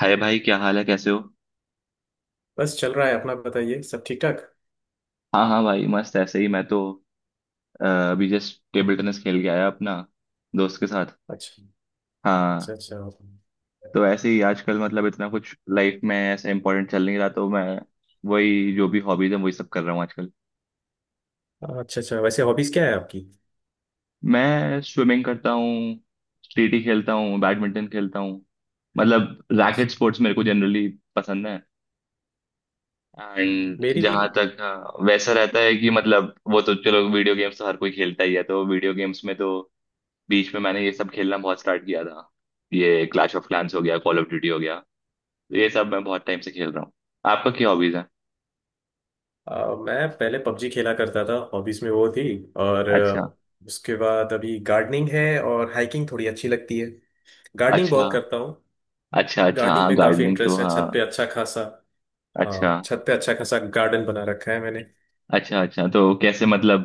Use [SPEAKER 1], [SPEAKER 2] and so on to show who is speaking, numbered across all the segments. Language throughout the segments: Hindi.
[SPEAKER 1] हाय भाई, क्या हाल है? कैसे हो?
[SPEAKER 2] बस चल रहा है। अपना बताइए, सब ठीक ठाक?
[SPEAKER 1] हाँ हाँ भाई, मस्त। ऐसे ही मैं तो अभी जस्ट टेबल टेनिस खेल के आया अपना दोस्त के साथ।
[SPEAKER 2] अच्छा। अच्छा
[SPEAKER 1] हाँ।
[SPEAKER 2] अच्छा।
[SPEAKER 1] तो ऐसे ही आजकल मतलब इतना कुछ लाइफ में ऐसा इंपॉर्टेंट चल नहीं रहा, तो मैं वही जो भी हॉबीज है वही सब कर रहा हूँ आजकल।
[SPEAKER 2] अच्छा। अच्छा, वैसे हॉबीज क्या है आपकी?
[SPEAKER 1] मैं स्विमिंग करता हूँ, स्टेटी खेलता हूँ, बैडमिंटन खेलता हूँ, मतलब रैकेट
[SPEAKER 2] अच्छा।
[SPEAKER 1] स्पोर्ट्स मेरे को जनरली पसंद है। एंड
[SPEAKER 2] मेरी,
[SPEAKER 1] जहाँ तक वैसा रहता है कि मतलब वो तो चलो, वीडियो गेम्स तो हर कोई खेलता ही है, तो वीडियो गेम्स में तो बीच में मैंने ये सब खेलना बहुत स्टार्ट किया था। ये क्लैश ऑफ क्लैंस हो गया, कॉल ऑफ ड्यूटी हो गया, तो ये सब मैं बहुत टाइम से खेल रहा हूँ। आपका क्या हॉबीज है?
[SPEAKER 2] मैं पहले पबजी खेला करता था, हॉबीज में वो थी। और
[SPEAKER 1] अच्छा।
[SPEAKER 2] उसके बाद अभी गार्डनिंग है और हाइकिंग थोड़ी अच्छी लगती है। गार्डनिंग
[SPEAKER 1] अच्छा।
[SPEAKER 2] बहुत करता हूँ।
[SPEAKER 1] अच्छा अच्छा।
[SPEAKER 2] गार्डनिंग
[SPEAKER 1] हाँ,
[SPEAKER 2] में काफी
[SPEAKER 1] गार्डनिंग तो,
[SPEAKER 2] इंटरेस्ट है, छत पे
[SPEAKER 1] हाँ।
[SPEAKER 2] अच्छा खासा।
[SPEAKER 1] अच्छा।
[SPEAKER 2] हाँ, छत पे अच्छा खासा गार्डन बना रखा है मैंने।
[SPEAKER 1] अच्छा अच्छा, तो कैसे मतलब,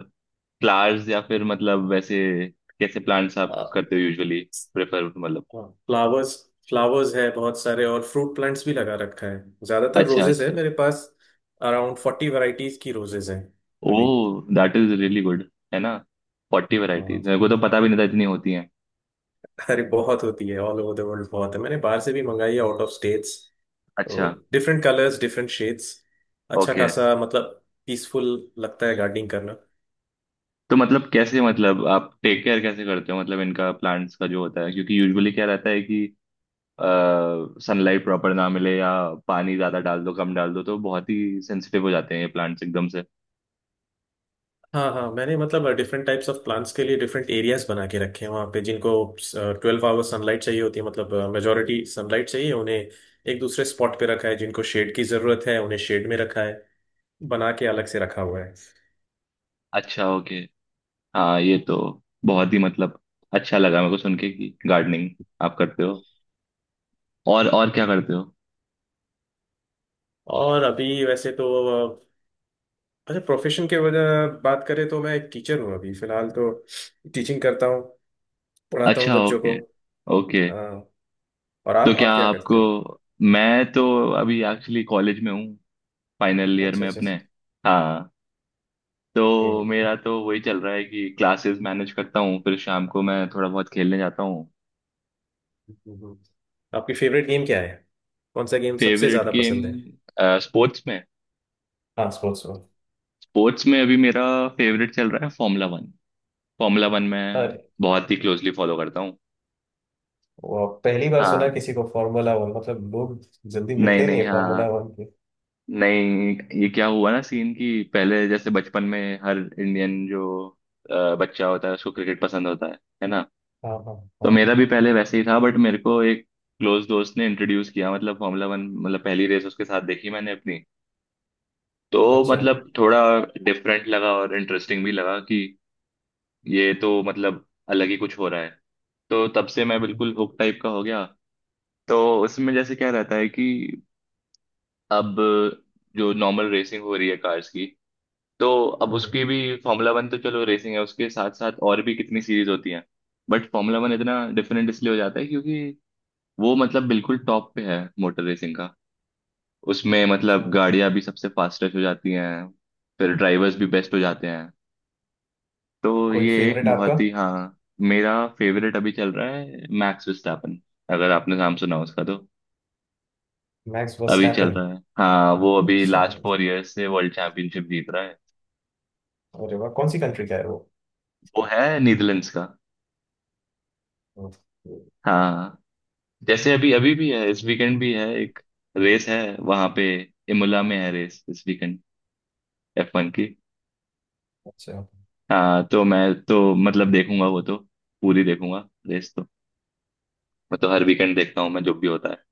[SPEAKER 1] फ्लावर्स या फिर मतलब वैसे कैसे प्लांट्स आप
[SPEAKER 2] अ,
[SPEAKER 1] करते हो यूजुअली प्रेफर, मतलब?
[SPEAKER 2] हाँ, फ्लावर्स। फ्लावर्स है बहुत सारे और फ्रूट प्लांट्स भी लगा रखा है। ज्यादातर
[SPEAKER 1] अच्छा
[SPEAKER 2] रोजेस
[SPEAKER 1] अच्छा।
[SPEAKER 2] है मेरे पास। अराउंड 40 वैरायटीज की रोजेस हैं
[SPEAKER 1] ओ,
[SPEAKER 2] अभी।
[SPEAKER 1] That is really good. है ना? फोर्टी
[SPEAKER 2] हाँ।
[SPEAKER 1] वैरायटीज, मेरे को तो पता भी नहीं था इतनी होती हैं।
[SPEAKER 2] अरे बहुत होती है, ऑल ओवर द वर्ल्ड बहुत है, मैंने बाहर से भी मंगाई है, आउट ऑफ स्टेट्स। तो
[SPEAKER 1] अच्छा।
[SPEAKER 2] Different colours, different shades. अच्छा
[SPEAKER 1] ओके।
[SPEAKER 2] खासा, मतलब पीसफुल लगता है गार्डनिंग करना।
[SPEAKER 1] तो मतलब कैसे मतलब आप टेक केयर कैसे करते हो मतलब इनका, प्लांट्स का जो होता है? क्योंकि यूजुअली क्या रहता है कि सनलाइट प्रॉपर ना मिले, या पानी ज्यादा डाल दो कम डाल दो, तो बहुत ही सेंसिटिव हो जाते हैं ये प्लांट्स एकदम से।
[SPEAKER 2] हाँ हाँ, मैंने मतलब डिफरेंट टाइप्स ऑफ प्लांट्स के लिए डिफरेंट एरियाज बना के रखे हैं। वहाँ पे जिनको 12 आवर्स सनलाइट चाहिए होती है, मतलब मेजोरिटी सनलाइट चाहिए उन्हें, एक दूसरे स्पॉट पे रखा है। जिनको शेड की जरूरत है उन्हें शेड में रखा है, बना के अलग से रखा हुआ है।
[SPEAKER 1] अच्छा, ओके। हाँ ये तो बहुत ही मतलब अच्छा लगा मेरे को सुन के कि गार्डनिंग आप करते हो। और क्या करते हो?
[SPEAKER 2] और अभी वैसे तो, अ, अच्छा, प्रोफेशन के वजह बात करें तो मैं एक टीचर हूँ अभी फिलहाल तो। टीचिंग करता हूँ, पढ़ाता हूँ
[SPEAKER 1] अच्छा।
[SPEAKER 2] बच्चों को।
[SPEAKER 1] ओके। ओके,
[SPEAKER 2] और
[SPEAKER 1] तो
[SPEAKER 2] आप,
[SPEAKER 1] क्या
[SPEAKER 2] क्या करते
[SPEAKER 1] आपको?
[SPEAKER 2] हो?
[SPEAKER 1] मैं तो अभी एक्चुअली कॉलेज में हूँ, फाइनल ईयर
[SPEAKER 2] अच्छा
[SPEAKER 1] में
[SPEAKER 2] अच्छा
[SPEAKER 1] अपने।
[SPEAKER 2] अच्छा।
[SPEAKER 1] हाँ, तो
[SPEAKER 2] हम्म।
[SPEAKER 1] मेरा तो वही चल रहा है कि क्लासेस मैनेज करता हूँ, फिर शाम को मैं थोड़ा बहुत खेलने जाता हूँ।
[SPEAKER 2] हम्म। हम्म। आपकी फेवरेट गेम क्या है? कौन सा गेम सबसे
[SPEAKER 1] फेवरेट
[SPEAKER 2] ज्यादा पसंद है?
[SPEAKER 1] गेम, स्पोर्ट्स में?
[SPEAKER 2] हाँ, स्पोर्ट्स में।
[SPEAKER 1] स्पोर्ट्स में अभी मेरा फेवरेट चल रहा है फॉर्मूला वन। फॉर्मूला वन मैं
[SPEAKER 2] अरे,
[SPEAKER 1] बहुत ही क्लोजली फॉलो करता हूँ।
[SPEAKER 2] वो पहली बार सुना
[SPEAKER 1] हाँ।
[SPEAKER 2] किसी को फार्मूला वन, मतलब लोग जल्दी मिलते
[SPEAKER 1] नहीं
[SPEAKER 2] ही नहीं
[SPEAKER 1] नहीं,
[SPEAKER 2] है
[SPEAKER 1] हाँ।
[SPEAKER 2] फार्मूला वन के।
[SPEAKER 1] नहीं, ये क्या हुआ ना, सीन कि पहले जैसे बचपन में हर इंडियन जो बच्चा होता है उसको क्रिकेट पसंद होता है ना?
[SPEAKER 2] हाँ हाँ
[SPEAKER 1] तो
[SPEAKER 2] हाँ।
[SPEAKER 1] मेरा भी पहले वैसे ही था, बट मेरे को एक क्लोज दोस्त ने इंट्रोड्यूस किया, मतलब फॉर्मूला वन, मतलब पहली रेस उसके साथ देखी मैंने अपनी। तो
[SPEAKER 2] अच्छा।
[SPEAKER 1] मतलब थोड़ा डिफरेंट लगा और इंटरेस्टिंग भी लगा कि ये तो मतलब अलग ही कुछ हो रहा है। तो तब से मैं बिल्कुल हुक टाइप का हो गया। तो उसमें जैसे क्या रहता है कि अब जो नॉर्मल रेसिंग हो रही है कार्स की, तो अब
[SPEAKER 2] हम्म।
[SPEAKER 1] उसकी भी, फॉर्मूला वन तो चलो रेसिंग है, उसके साथ साथ और भी कितनी सीरीज होती हैं, बट फॉर्मूला वन इतना डिफरेंट इसलिए हो जाता है क्योंकि वो मतलब बिल्कुल टॉप पे है मोटर रेसिंग का। उसमें मतलब
[SPEAKER 2] So,
[SPEAKER 1] गाड़ियां भी सबसे फास्टेस्ट हो जाती हैं, फिर ड्राइवर्स भी बेस्ट हो जाते हैं। तो
[SPEAKER 2] कोई
[SPEAKER 1] ये एक
[SPEAKER 2] फेवरेट आपका?
[SPEAKER 1] बहुत ही, हाँ। मेरा फेवरेट अभी चल रहा है मैक्स विस्टापन, अगर आपने नाम सुना उसका तो।
[SPEAKER 2] मैक्स
[SPEAKER 1] अभी चल
[SPEAKER 2] वर्स्टैपन।
[SPEAKER 1] रहा है, हाँ, वो अभी
[SPEAKER 2] अच्छा।
[SPEAKER 1] लास्ट फोर इयर्स से वर्ल्ड चैंपियनशिप जीत रहा है।
[SPEAKER 2] अरे वाह, कौन सी कंट्री का है वो?
[SPEAKER 1] वो है नीदरलैंड्स का। हाँ। जैसे अभी अभी भी है, इस वीकेंड भी है एक रेस, है वहां पे। इमोला में है रेस इस वीकेंड, एफ वन की।
[SPEAKER 2] अच्छा।
[SPEAKER 1] हाँ, तो मैं, तो मतलब देखूंगा वो तो, पूरी देखूंगा रेस तो। मैं तो हर वीकेंड देखता हूँ मैं, जो भी होता है।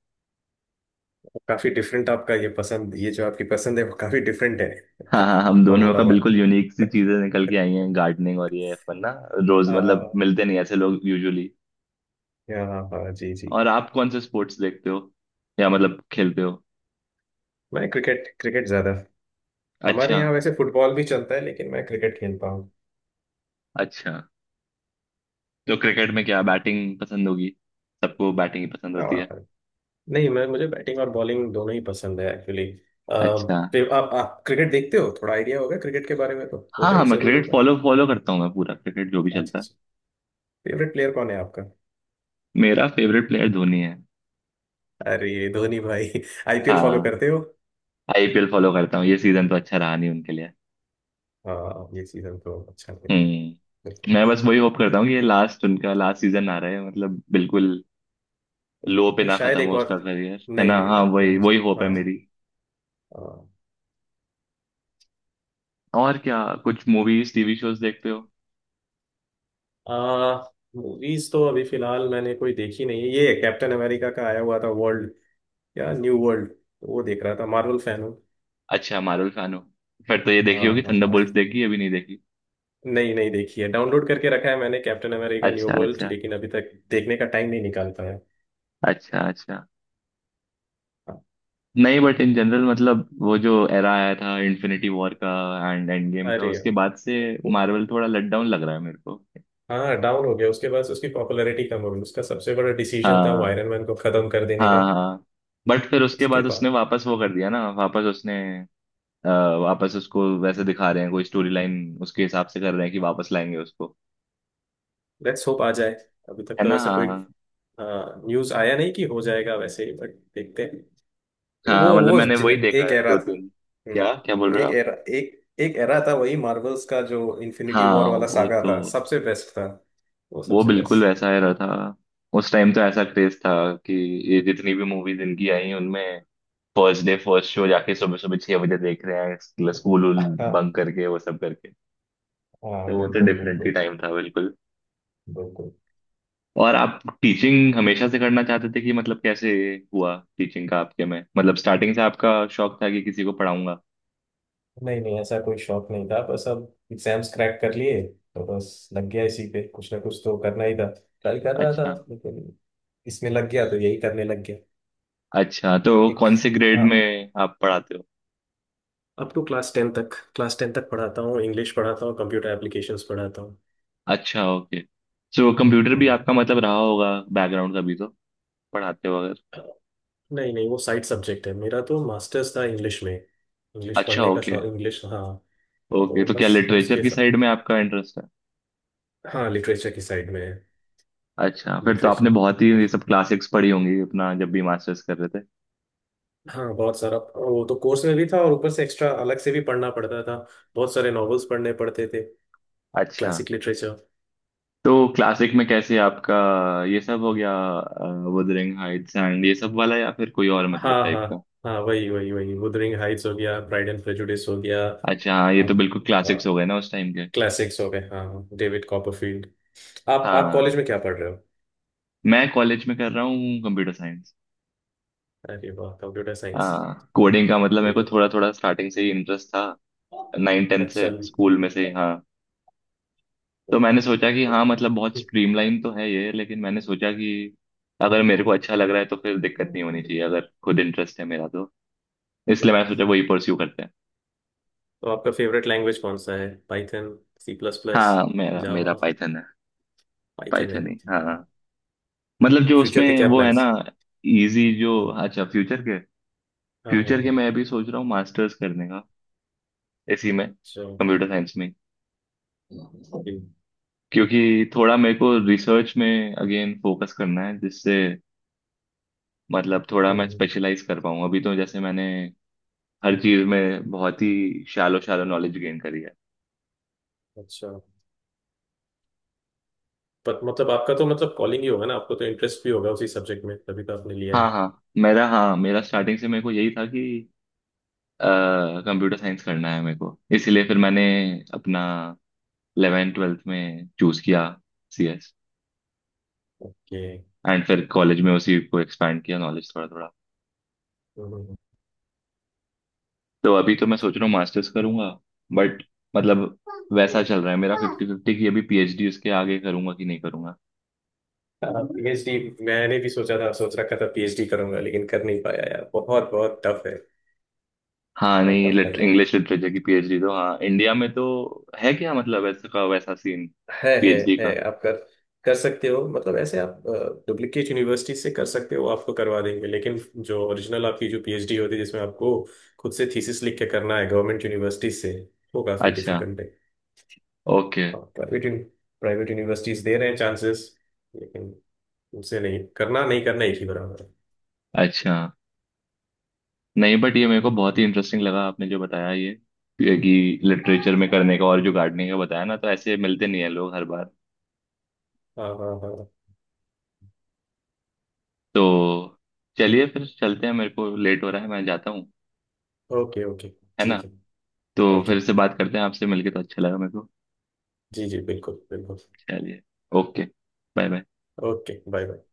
[SPEAKER 2] काफी डिफरेंट आपका ये पसंद, ये जो आपकी पसंद है वो काफी डिफरेंट है।
[SPEAKER 1] हाँ हाँ, हम दोनों
[SPEAKER 2] फार्मूला
[SPEAKER 1] का
[SPEAKER 2] वन।
[SPEAKER 1] बिल्कुल यूनिक सी चीजें निकल के आई हैं, गार्डनिंग और ये F1 ना। रोज मतलब मिलते नहीं ऐसे लोग यूजुअली।
[SPEAKER 2] या हाँ हाँ, जी जी।
[SPEAKER 1] और आप कौन से स्पोर्ट्स देखते हो या मतलब खेलते हो?
[SPEAKER 2] मैं क्रिकेट, ज्यादा
[SPEAKER 1] अच्छा।
[SPEAKER 2] हमारे यहाँ वैसे फुटबॉल भी चलता है, लेकिन मैं क्रिकेट खेलता हूँ।
[SPEAKER 1] अच्छा, तो क्रिकेट में क्या बैटिंग पसंद होगी? सबको बैटिंग ही पसंद होती है।
[SPEAKER 2] और नहीं, मैं मुझे बैटिंग और बॉलिंग दोनों ही पसंद है एक्चुअली।
[SPEAKER 1] अच्छा।
[SPEAKER 2] आप क्रिकेट देखते हो? थोड़ा आइडिया होगा क्रिकेट के बारे में, तो
[SPEAKER 1] हाँ
[SPEAKER 2] होगा
[SPEAKER 1] हाँ,
[SPEAKER 2] ही,
[SPEAKER 1] मैं
[SPEAKER 2] जरूर
[SPEAKER 1] क्रिकेट
[SPEAKER 2] होगा।
[SPEAKER 1] फॉलो फॉलो करता हूँ, मैं पूरा क्रिकेट जो भी
[SPEAKER 2] अच्छा
[SPEAKER 1] चलता है।
[SPEAKER 2] अच्छा। फेवरेट प्लेयर कौन है आपका?
[SPEAKER 1] मेरा फेवरेट प्लेयर धोनी है।
[SPEAKER 2] अरे धोनी भाई। आईपीएल फॉलो
[SPEAKER 1] हाँ,
[SPEAKER 2] करते हो?
[SPEAKER 1] आईपीएल फॉलो करता हूँ, ये सीजन तो अच्छा रहा नहीं उनके लिए।
[SPEAKER 2] हाँ, ये सीजन तो अच्छा लग रहा है।
[SPEAKER 1] हम्म।
[SPEAKER 2] बिल्कुल।
[SPEAKER 1] मैं बस वही होप करता हूँ कि ये लास्ट, उनका लास्ट सीजन आ रहा है, मतलब बिल्कुल लो पे
[SPEAKER 2] नहीं,
[SPEAKER 1] ना खत्म
[SPEAKER 2] शायद
[SPEAKER 1] हो
[SPEAKER 2] एक और।
[SPEAKER 1] उसका करियर, है
[SPEAKER 2] नहीं
[SPEAKER 1] ना,
[SPEAKER 2] नहीं
[SPEAKER 1] हाँ
[SPEAKER 2] नहीं
[SPEAKER 1] वही
[SPEAKER 2] नहीं
[SPEAKER 1] वही होप है
[SPEAKER 2] हाँ।
[SPEAKER 1] मेरी।
[SPEAKER 2] हाँ।
[SPEAKER 1] और क्या, कुछ मूवीज टीवी शोज देखते हो?
[SPEAKER 2] आ, मूवीज तो अभी फिलहाल मैंने कोई देखी नहीं है। ये कैप्टन अमेरिका का आया हुआ था, वर्ल्ड या न्यू वर्ल्ड, वो देख रहा था। मार्वल फैन हूँ।
[SPEAKER 1] अच्छा, मार्वल फैन हो? फिर तो ये देखी
[SPEAKER 2] हाँ
[SPEAKER 1] होगी
[SPEAKER 2] हाँ हाँ।
[SPEAKER 1] थंडरबोल्ट्स, देखी अभी नहीं देखी?
[SPEAKER 2] नहीं, नहीं देखी है। डाउनलोड करके रखा है मैंने कैप्टन अमेरिका न्यू
[SPEAKER 1] अच्छा
[SPEAKER 2] वर्ल्ड,
[SPEAKER 1] अच्छा।
[SPEAKER 2] लेकिन अभी तक देखने का टाइम नहीं निकाल पाया।
[SPEAKER 1] अच्छा अच्छा। नहीं बट इन जनरल मतलब वो जो एरा आया था इन्फिनिटी वॉर का, एंड एंड गेम का,
[SPEAKER 2] अरे
[SPEAKER 1] उसके बाद से
[SPEAKER 2] वो-
[SPEAKER 1] मार्वल थोड़ा लट डाउन लग रहा है मेरे को।
[SPEAKER 2] हाँ डाउन हो गया उसके बाद, उसकी पॉपुलैरिटी कम हो गई। उसका सबसे बड़ा डिसीजन था वो
[SPEAKER 1] हाँ
[SPEAKER 2] आयरन मैन को खत्म कर देने का।
[SPEAKER 1] हाँ हाँ। बट फिर उसके
[SPEAKER 2] उसके
[SPEAKER 1] बाद उसने
[SPEAKER 2] बाद
[SPEAKER 1] वापस वो कर दिया ना, वापस उसने अ, वापस उसको वैसे दिखा रहे हैं कोई स्टोरी लाइन, उसके हिसाब से कर रहे हैं कि वापस लाएंगे उसको।
[SPEAKER 2] लेट्स होप आ जाए। अभी तक
[SPEAKER 1] है
[SPEAKER 2] तो
[SPEAKER 1] ना?
[SPEAKER 2] वैसे
[SPEAKER 1] हाँ
[SPEAKER 2] कोई
[SPEAKER 1] हाँ
[SPEAKER 2] न्यूज आया नहीं कि हो जाएगा वैसे ही, बट देखते हैं। ये
[SPEAKER 1] हाँ, मतलब मैंने वही देखा
[SPEAKER 2] एक
[SPEAKER 1] है
[SPEAKER 2] एरा
[SPEAKER 1] दो
[SPEAKER 2] था।
[SPEAKER 1] तीन,
[SPEAKER 2] हम्म,
[SPEAKER 1] क्या क्या बोल रहे हो
[SPEAKER 2] एक
[SPEAKER 1] आप?
[SPEAKER 2] एरा, एक एक एरा था, वही मार्वल्स का जो इन्फिनिटी वॉर
[SPEAKER 1] हाँ
[SPEAKER 2] वाला
[SPEAKER 1] वो
[SPEAKER 2] सागा
[SPEAKER 1] तो,
[SPEAKER 2] था, सबसे बेस्ट था। वो
[SPEAKER 1] वो
[SPEAKER 2] सबसे
[SPEAKER 1] बिल्कुल
[SPEAKER 2] बेस्ट था।
[SPEAKER 1] वैसा ही रहा था। उस टाइम तो ऐसा क्रेज था कि ये जितनी भी मूवीज इनकी आई उनमें फर्स्ट डे फर्स्ट शो जाके सुबह सुबह छह बजे देख रहे हैं, स्कूल
[SPEAKER 2] हाँ
[SPEAKER 1] बंक करके, वो सब करके।
[SPEAKER 2] हाँ।
[SPEAKER 1] तो वो तो
[SPEAKER 2] बिल्कुल
[SPEAKER 1] डिफरेंट ही
[SPEAKER 2] बिल्कुल।
[SPEAKER 1] टाइम था बिल्कुल।
[SPEAKER 2] बिल्कुल।
[SPEAKER 1] और आप टीचिंग हमेशा से करना चाहते थे कि मतलब कैसे हुआ टीचिंग का आपके में, मतलब स्टार्टिंग से आपका शौक था कि किसी को पढ़ाऊंगा?
[SPEAKER 2] नहीं नहीं, ऐसा कोई शौक नहीं था, बस अब एग्जाम्स क्रैक कर लिए तो बस लग गया इसी पे। कुछ ना कुछ तो करना ही था, ट्राई कर रहा था,
[SPEAKER 1] अच्छा।
[SPEAKER 2] लेकिन इसमें लग गया तो यही करने लग गया।
[SPEAKER 1] अच्छा, तो
[SPEAKER 2] एक,
[SPEAKER 1] कौन से ग्रेड
[SPEAKER 2] हाँ,
[SPEAKER 1] में आप पढ़ाते हो?
[SPEAKER 2] अप टू क्लास 10 तक। क्लास टेन तक पढ़ाता हूँ। इंग्लिश पढ़ाता हूँ, कंप्यूटर एप्लीकेशंस पढ़ाता हूँ।
[SPEAKER 1] अच्छा, ओके। सो कंप्यूटर भी आपका मतलब रहा होगा बैकग्राउंड का भी, तो पढ़ाते हो अगर।
[SPEAKER 2] हाँ। नहीं नहीं, वो साइड सब्जेक्ट है। मेरा तो मास्टर्स था इंग्लिश में, इंग्लिश
[SPEAKER 1] अच्छा,
[SPEAKER 2] पढ़ने का
[SPEAKER 1] ओके।
[SPEAKER 2] शौक, इंग्लिश, हाँ।
[SPEAKER 1] ओके,
[SPEAKER 2] तो
[SPEAKER 1] तो क्या
[SPEAKER 2] बस
[SPEAKER 1] लिटरेचर
[SPEAKER 2] उसके
[SPEAKER 1] की
[SPEAKER 2] सब,
[SPEAKER 1] साइड में आपका इंटरेस्ट है?
[SPEAKER 2] हाँ लिटरेचर की साइड में है।
[SPEAKER 1] अच्छा, फिर तो
[SPEAKER 2] लिटरेचर,
[SPEAKER 1] आपने बहुत ही ये सब क्लासिक्स पढ़ी होंगी अपना जब भी मास्टर्स कर रहे थे।
[SPEAKER 2] हाँ बहुत सारा। वो तो कोर्स में भी था और ऊपर से एक्स्ट्रा अलग से भी पढ़ना पड़ता था, बहुत सारे नॉवेल्स पढ़ने पड़ते थे।
[SPEAKER 1] अच्छा,
[SPEAKER 2] क्लासिक लिटरेचर।
[SPEAKER 1] तो क्लासिक में कैसे आपका ये सब हो गया, wuthering heights एंड ये सब वाला या फिर कोई और मतलब
[SPEAKER 2] हाँ
[SPEAKER 1] टाइप
[SPEAKER 2] हाँ
[SPEAKER 1] का?
[SPEAKER 2] हाँ, वही वही वही wuthering हाइट्स हो गया, प्राइड एंड प्रेजुडिस हो गया।
[SPEAKER 1] अच्छा हाँ, ये तो
[SPEAKER 2] आप,
[SPEAKER 1] बिल्कुल क्लासिक्स हो गए ना उस टाइम के।
[SPEAKER 2] क्लासिक्स हो गए, हाँ, डेविड कॉपरफील्ड। आप
[SPEAKER 1] हाँ,
[SPEAKER 2] कॉलेज में क्या पढ़ रहे हो?
[SPEAKER 1] मैं कॉलेज में कर रहा हूँ कंप्यूटर साइंस।
[SPEAKER 2] अरे वाह, कंप्यूटर साइंस!
[SPEAKER 1] हाँ, कोडिंग का मतलब मेरे
[SPEAKER 2] वेरी
[SPEAKER 1] को
[SPEAKER 2] गुड।
[SPEAKER 1] थोड़ा थोड़ा स्टार्टिंग से ही इंटरेस्ट था, नाइन टेंथ
[SPEAKER 2] अच्छा।
[SPEAKER 1] से, स्कूल में से। हाँ, तो मैंने सोचा कि हाँ मतलब बहुत स्ट्रीमलाइन तो है ये, लेकिन मैंने सोचा कि अगर मेरे को अच्छा लग रहा है तो फिर दिक्कत नहीं होनी चाहिए अगर खुद इंटरेस्ट है मेरा तो। इसलिए मैंने सोचा वही परस्यू करते हैं।
[SPEAKER 2] तो आपका फेवरेट लैंग्वेज कौन सा है? पाइथन? C plus plus?
[SPEAKER 1] हाँ, मेरा मेरा
[SPEAKER 2] जावा?
[SPEAKER 1] पाइथन है,
[SPEAKER 2] पाइथन है।
[SPEAKER 1] पाइथन ही, हाँ हाँ। मतलब जो
[SPEAKER 2] फ्यूचर के
[SPEAKER 1] उसमें
[SPEAKER 2] क्या
[SPEAKER 1] वो है ना,
[SPEAKER 2] प्लान्स?
[SPEAKER 1] इजी जो।
[SPEAKER 2] हाँ।
[SPEAKER 1] अच्छा, फ्यूचर के?
[SPEAKER 2] हाँ,
[SPEAKER 1] फ्यूचर के
[SPEAKER 2] हाँ।
[SPEAKER 1] मैं भी सोच रहा हूँ मास्टर्स करने का, इसी में
[SPEAKER 2] अच्छा।
[SPEAKER 1] कंप्यूटर साइंस में।
[SPEAKER 2] जी।
[SPEAKER 1] क्योंकि थोड़ा मेरे को रिसर्च में अगेन फोकस करना है जिससे मतलब थोड़ा मैं
[SPEAKER 2] हम्म।
[SPEAKER 1] स्पेशलाइज कर पाऊँ। अभी तो जैसे मैंने हर चीज में बहुत ही शैलो शैलो नॉलेज गेन करी है।
[SPEAKER 2] अच्छा। पर मतलब आपका तो मतलब कॉलिंग ही होगा ना आपको, तो इंटरेस्ट भी होगा उसी सब्जेक्ट में, तभी तो आपने लिया
[SPEAKER 1] हाँ
[SPEAKER 2] है।
[SPEAKER 1] हाँ, मेरा, हाँ मेरा स्टार्टिंग से मेरे को यही था कि कंप्यूटर साइंस करना है मेरे को, इसलिए फिर मैंने अपना इलेवेंथ ट्वेल्थ में चूज किया सीएस।
[SPEAKER 2] ओके।
[SPEAKER 1] एंड फिर कॉलेज में उसी को एक्सपैंड किया नॉलेज थोड़ा थोड़ा। तो अभी तो मैं सोच रहा हूँ मास्टर्स करूंगा, बट मतलब वैसा चल रहा है मेरा फिफ्टी फिफ्टी की अभी, पीएचडी उसके आगे करूंगा कि नहीं करूंगा।
[SPEAKER 2] पीएचडी, मैंने भी सोचा था, सोच रखा था पीएचडी करूंगा, लेकिन कर नहीं पाया यार, बहुत बहुत टफ है।
[SPEAKER 1] हाँ
[SPEAKER 2] बहुत
[SPEAKER 1] नहीं,
[SPEAKER 2] टफ लग रहा था।
[SPEAKER 1] इंग्लिश लिटरेचर की पीएचडी तो, हाँ इंडिया में तो है क्या मतलब ऐसा का वैसा सीन,
[SPEAKER 2] है
[SPEAKER 1] पीएचडी
[SPEAKER 2] है
[SPEAKER 1] का?
[SPEAKER 2] आप कर कर सकते हो, मतलब ऐसे आप डुप्लीकेट यूनिवर्सिटी से कर सकते हो, आपको करवा देंगे। लेकिन जो ओरिजिनल आपकी जो पीएचडी होती है, जिसमें आपको खुद से थीसिस लिख के करना है, गवर्नमेंट यूनिवर्सिटी से, वो काफ़ी
[SPEAKER 1] अच्छा,
[SPEAKER 2] डिफिकल्ट है।
[SPEAKER 1] ओके।
[SPEAKER 2] प्राइवेट प्राइवेट यूनिवर्सिटीज दे रहे हैं चांसेस, लेकिन उनसे नहीं करना, नहीं करना, एक ही बराबर है।
[SPEAKER 1] अच्छा नहीं, बट ये मेरे को बहुत ही इंटरेस्टिंग लगा आपने जो बताया ये, कि लिटरेचर में करने का और जो गार्डनिंग का बताया ना, तो ऐसे मिलते नहीं है लोग हर बार।
[SPEAKER 2] हाँ हाँ हाँ।
[SPEAKER 1] तो चलिए फिर चलते हैं, मेरे को लेट हो रहा है, मैं जाता हूँ।
[SPEAKER 2] Okay okay.
[SPEAKER 1] है ना?
[SPEAKER 2] ठीक है।
[SPEAKER 1] तो
[SPEAKER 2] ओके।
[SPEAKER 1] फिर से बात करते हैं, आपसे मिलके तो अच्छा लगा मेरे को।
[SPEAKER 2] जी जी, बिल्कुल बिल्कुल।
[SPEAKER 1] चलिए, okay, bye bye.
[SPEAKER 2] Okay, bye bye.